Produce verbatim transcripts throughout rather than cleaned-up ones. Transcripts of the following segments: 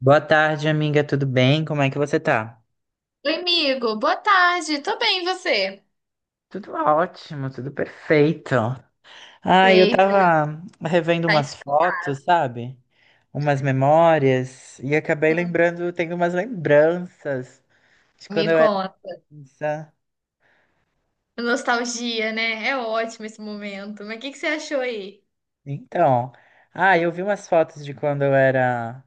Boa tarde, amiga. Tudo bem? Como é que você tá? Oi, amigo. Boa tarde. Tô bem, e você? Tudo ótimo, tudo perfeito. Ah, eu Ei, tava revendo tá, umas fotos, sabe? Umas memórias e acabei hum. lembrando, tenho umas lembranças de Me quando eu era conta. criança. Nostalgia, né? É ótimo esse momento. Mas o que que você achou aí? Então, ah, eu vi umas fotos de quando eu era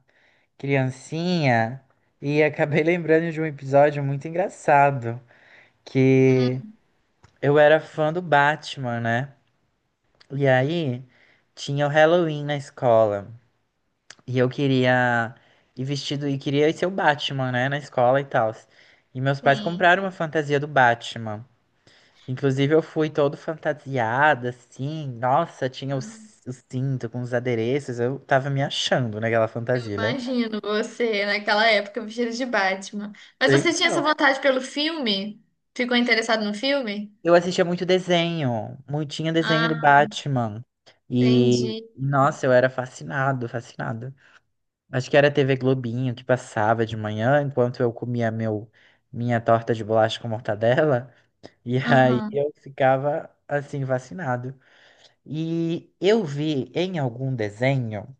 criancinha e acabei lembrando de um episódio muito engraçado que Hum, eu era fã do Batman, né? E aí, tinha o Halloween na escola. E eu queria ir vestido e queria ser o Batman, né, na escola e tal. E meus pais sim. compraram uma fantasia do Batman. Inclusive, eu fui todo fantasiada, assim. Nossa, tinha o, c- o cinto com os adereços. Eu tava me achando naquela fantasia, né? Imagino você naquela época vestido de Batman. Mas você tinha essa Então, vontade pelo filme? Ficou interessado no filme? eu assistia muito desenho. Muito, tinha desenho do Ah, Batman. E, entendi. nossa, eu era fascinado, fascinado. Acho que era T V Globinho que passava de manhã, enquanto eu comia meu, minha torta de bolacha com mortadela, e aí Aham. eu ficava assim vacinado. E eu vi em algum desenho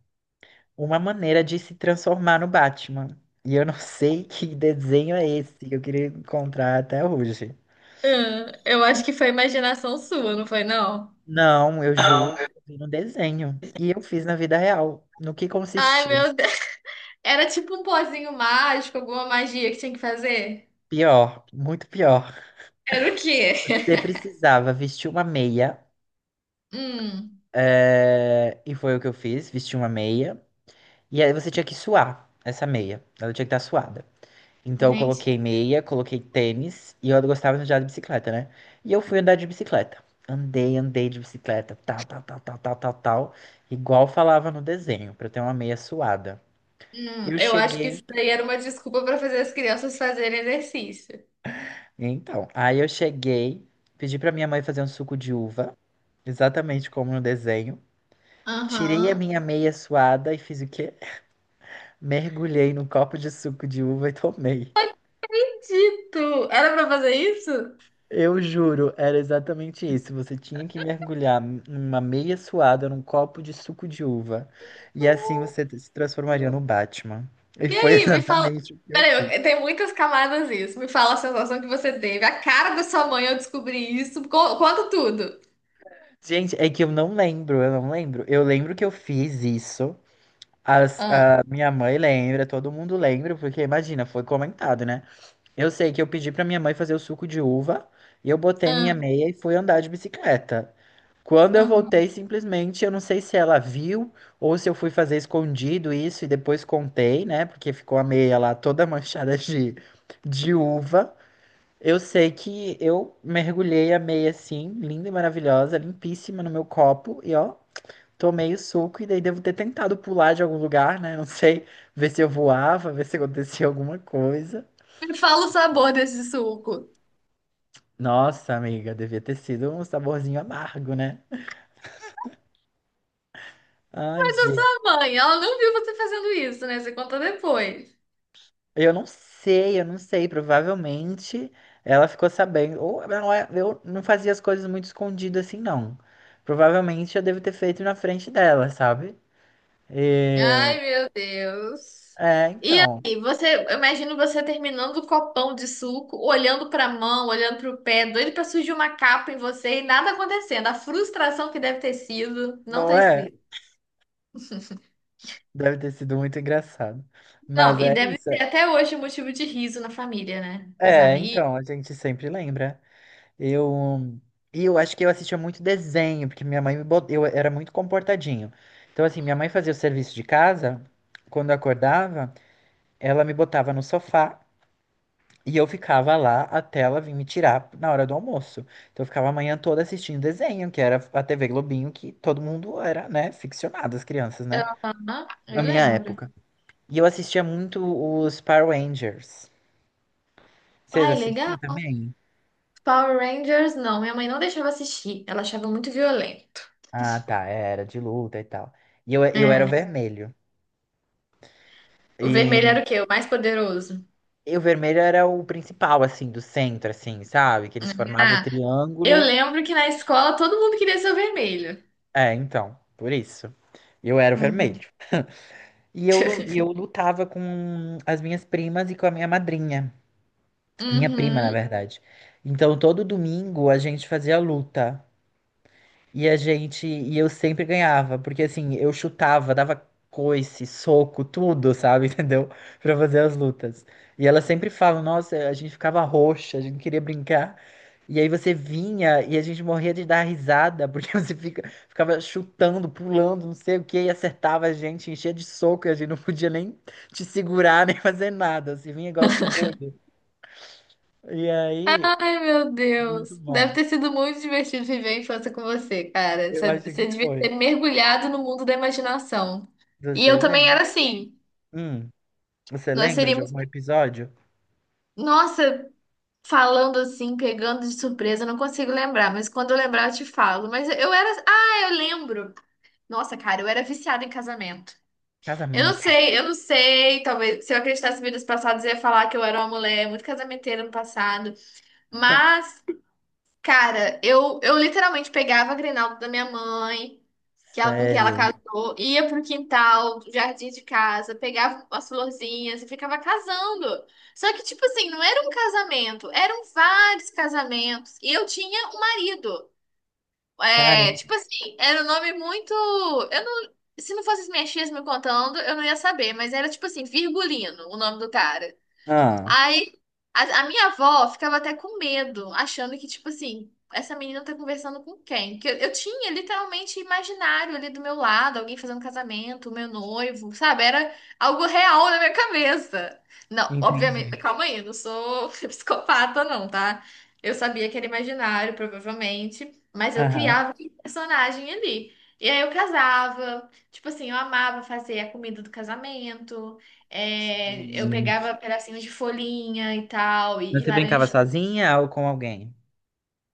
uma maneira de se transformar no Batman. E eu não sei que desenho é esse que eu queria encontrar até hoje. Ah, eu E acho que foi imaginação sua, não foi, não? Não, eu juro, eu vi no desenho. E eu fiz na vida real. No que Ai, consistia? meu Deus. Era tipo um pozinho mágico, alguma magia que tinha que fazer? Pior, muito pior. Era o quê? Você precisava vestir uma meia. Hum, É, e foi o que eu fiz, vesti uma meia. E aí você tinha que suar essa meia. Ela tinha que estar suada. Então eu coloquei gente, meia, coloquei tênis e eu gostava de andar de bicicleta, né? E eu fui andar de bicicleta. Andei, andei de bicicleta, tal, tal, tal, tal, tal, tal, tal. Igual falava no desenho, pra eu ter uma meia suada. hum, Eu eu acho que cheguei, isso daí era uma desculpa para fazer as crianças fazerem exercício. então, aí eu cheguei, pedi pra minha mãe fazer um suco de uva, exatamente como no desenho. Tirei a Aham. minha meia suada e fiz o quê? Mergulhei num copo de suco de uva e tomei. Dito, era para fazer isso? Eu juro, era exatamente isso. Você tinha que mergulhar uma meia suada num copo de suco de uva. E assim você se transformaria no Batman. E E foi aí, me fala. exatamente o que eu fiz. Peraí, eu- tem muitas camadas isso. Me fala a sensação que você teve. A cara da sua mãe ao descobrir isso. Co- Conta tudo. Gente, é que eu não lembro, eu não lembro. Eu lembro que eu fiz isso. As- Ah, A minha mãe lembra, todo mundo lembra, porque imagina, foi comentado, né? Eu sei que eu pedi pra minha mãe fazer o suco de uva e eu botei ah, minha meia e fui andar de bicicleta. Quando eu ah. voltei, simplesmente, eu não sei se ela viu ou se eu fui fazer escondido isso e depois contei, né? Porque ficou a meia lá toda manchada de, de uva. Eu sei que eu mergulhei a meia assim, linda e maravilhosa, limpíssima no meu copo e ó, tomei o suco e daí devo ter tentado pular de algum lugar, né? Não sei, ver se eu voava, ver se acontecia alguma coisa. Me fala o sabor desse suco. Nossa, amiga, devia ter sido um saborzinho amargo, né? Ai, Mas a gente. sua mãe, ela não viu você fazendo isso, né? Você conta depois. Eu não sei, eu não sei. Provavelmente ela ficou sabendo. Ou não é- Eu não fazia as coisas muito escondido assim, não. Provavelmente eu devo ter feito na frente dela, sabe? Ai, meu Deus. É, E então. aí, você, eu imagino você terminando o copão de suco, olhando pra mão, olhando pro pé, doido pra surgir uma capa em você e nada acontecendo. A frustração que deve ter sido, não Não tá é? escrito. Deve ter sido muito engraçado. Não, Mas e é deve isso. ser até hoje um motivo de riso na família, né? Dos É, amigos. então, a gente sempre lembra. Eu. E eu acho que eu assistia muito desenho, porque minha mãe me bot... eu era muito comportadinho. Então, assim, minha mãe fazia o serviço de casa, quando eu acordava, ela me botava no sofá. E eu ficava lá até ela vir me tirar na hora do almoço. Então eu ficava a manhã toda assistindo desenho, que era a T V Globinho, que todo mundo era, né, ficcionado, as crianças, né? Aham, Na eu minha lembro. época. E eu assistia muito os Power Rangers. Vocês Ai, assistiam legal. também? Power Rangers, não. Minha mãe não deixava assistir. Ela achava muito violento. Ah, tá, era de luta e tal. E eu, eu era o É. vermelho. O vermelho E, era o quê? O mais poderoso. e o vermelho era o principal, assim, do centro, assim, sabe? Que eles formavam o Ah, eu triângulo. lembro que na escola todo mundo queria ser o vermelho. É, então, por isso. Eu era o Uhum. vermelho. E eu, lu- e eu lutava com as minhas primas e com a minha madrinha. Minha prima, na Uhum. verdade. Então, todo domingo a gente fazia luta. E a gente, e eu sempre ganhava, porque assim, eu chutava, dava coice, soco, tudo, sabe, entendeu? Pra fazer as lutas. E ela sempre fala, nossa, a gente ficava roxa, a gente não queria brincar. E aí você vinha e a gente morria de dar risada, porque você fica, ficava chutando, pulando, não sei o que e acertava a gente, enchia de soco, e a gente não podia nem te segurar, nem fazer nada. Você vinha igual um doido. E aí, Ai, meu muito Deus. bom. Deve ter sido muito divertido viver a infância com você, cara. Eu Você acho que você devia ter foi. mergulhado no mundo da imaginação. Dos E eu também desenhos. era assim. Hum. Você Nós lembra de seríamos. algum episódio? Nossa, falando assim, pegando de surpresa, eu não consigo lembrar, mas quando eu lembrar eu te falo. Mas eu era. Ah, eu lembro. Nossa, cara, eu era viciada em casamento. Eu não Casamento. sei, eu não sei. Talvez se eu acreditasse em vidas passadas, eu ia falar que eu era uma mulher muito casamenteira no passado. Mas, cara, eu, eu literalmente pegava a Grinalda da minha mãe, que ela, com quem ela Sério. casou, ia pro quintal, pro jardim de casa, pegava as florzinhas e ficava casando. Só que, tipo assim, não era um casamento, eram vários casamentos. E eu tinha um marido. É, Caramba. tipo assim, era um nome muito. Eu não. Se não fosse as minhas tias me contando, eu não ia saber, mas era tipo assim, Virgulino, o nome do cara. Ah, Aí a, a minha avó ficava até com medo, achando que, tipo assim, essa menina tá conversando com quem? Porque eu, eu tinha literalmente imaginário ali do meu lado, alguém fazendo casamento, o meu noivo, sabe? Era algo real na minha cabeça. Não, obviamente, entendi. calma aí, eu não sou psicopata, não, tá? Eu sabia que era imaginário, provavelmente, mas eu Aham. criava aquele personagem ali. E aí eu casava, tipo assim, eu amava fazer a comida do casamento. É, eu Gente. pegava pedacinhos de folhinha e tal, e, e Você brincava laranja. sozinha ou com alguém?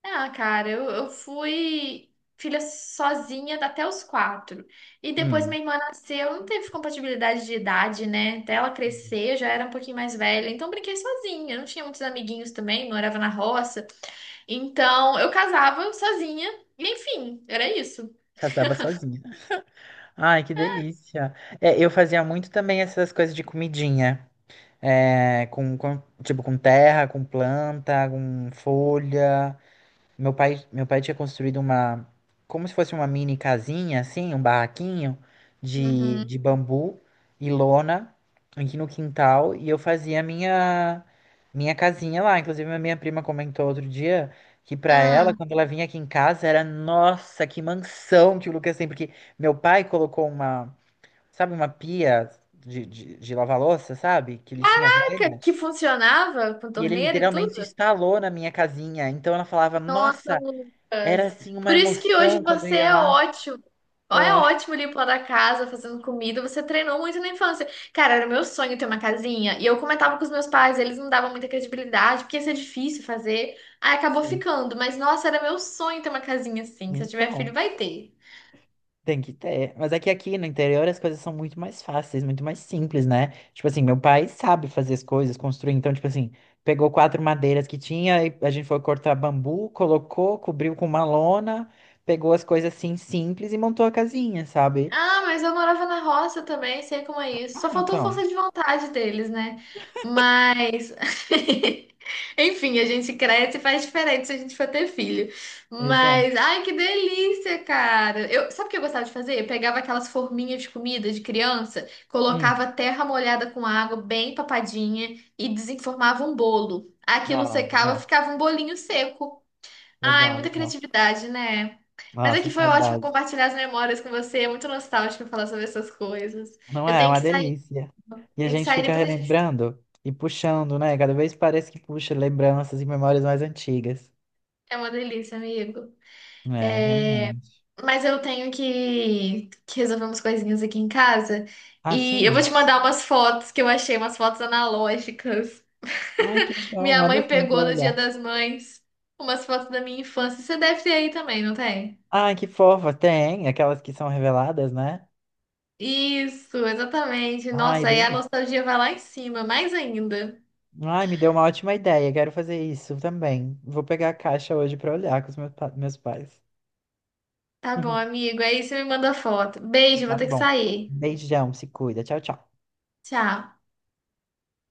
Ah, cara, eu, eu fui filha sozinha até os quatro. E depois Hum. minha irmã nasceu, não teve compatibilidade de idade, né? Até ela crescer, eu já era um pouquinho mais velha. Então, eu brinquei sozinha. Não tinha muitos amiguinhos também, morava na roça. Então, eu casava sozinha. E, enfim, era isso. Casava sozinha. Ai, que delícia. É, eu fazia muito também essas coisas de comidinha. É, com, com- tipo, com terra, com planta, com folha. Meu pai, meu pai tinha construído uma, como se fosse uma mini casinha, assim, um barraquinho de, de Uhum. bambu e lona aqui no quintal, e eu fazia minha minha casinha lá. Inclusive, a minha prima comentou outro dia que pra ela, Ah, quando ela vinha aqui em casa, era, nossa, que mansão que o Lucas tem, porque meu pai colocou uma, sabe, uma pia de, de, de lavar louça, sabe, que ele tinha velha. que funcionava com E ele torneira e tudo? literalmente instalou na minha casinha. Então ela falava, Nossa, nossa, era Lucas. assim uma Por isso que hoje emoção quando eu você ia é lá. ótimo. Ó, é É, ótimo limpando a casa, fazendo comida. Você treinou muito na infância. Cara, era meu sonho ter uma casinha. E eu comentava com os meus pais, eles não davam muita credibilidade, porque ia ser difícil fazer. Aí acabou sim. ficando. Mas, nossa, era meu sonho ter uma casinha assim. Se eu tiver filho, Então, vai ter. tem que ter. Mas é que aqui no interior as coisas são muito mais fáceis, muito mais simples, né? Tipo assim, meu pai sabe fazer as coisas, construir. Então, tipo assim, pegou quatro madeiras que tinha, e a gente foi cortar bambu, colocou, cobriu com uma lona, pegou as coisas assim simples e montou a casinha, sabe? Ah, mas eu morava na roça também, sei como é isso. Só Ah, faltou então. força de vontade deles, né? Mas. Enfim, a gente cresce e faz diferente se a gente for ter filho. Exato. Mas, ai, que delícia, cara. Eu, sabe o que eu gostava de fazer? Eu pegava aquelas forminhas de comida de criança, Hum. colocava terra molhada com água, bem papadinha, e desenformava um bolo. Aquilo Ah, secava, legal. ficava um bolinho seco. Ai, Legal, muita legal. criatividade, né? Mas Nossa, aqui foi ótimo saudade. compartilhar as memórias com você. É muito nostálgico falar sobre essas coisas. Não Eu é? É tenho uma que sair, delícia. E a tenho que gente sair fica depois a gente. relembrando e puxando, né? Cada vez parece que puxa lembranças e memórias mais antigas. É uma delícia, amigo. É, realmente. Mas eu tenho que, que resolver umas coisinhas aqui em casa. Ah, E eu vou sim? te mandar umas fotos que eu achei, umas fotos analógicas. Ai, que legal. Minha Manda mãe assim pra pegou eu no Dia olhar. das Mães umas fotos da minha infância. Você deve ter aí também, não tem? Ai, que fofa. Tem aquelas que são reveladas, né? Isso, exatamente. Ai, Nossa, aí a delícia. nostalgia vai lá em cima, mais ainda. Ai, me deu uma ótima ideia. Quero fazer isso também. Vou pegar a caixa hoje pra olhar com os meus, pa- meus pais. Tá bom, amigo. Aí você me manda foto. Beijo, vou Tá ter que bom. sair. Beijão, se cuida. Tchau, tchau. Tchau.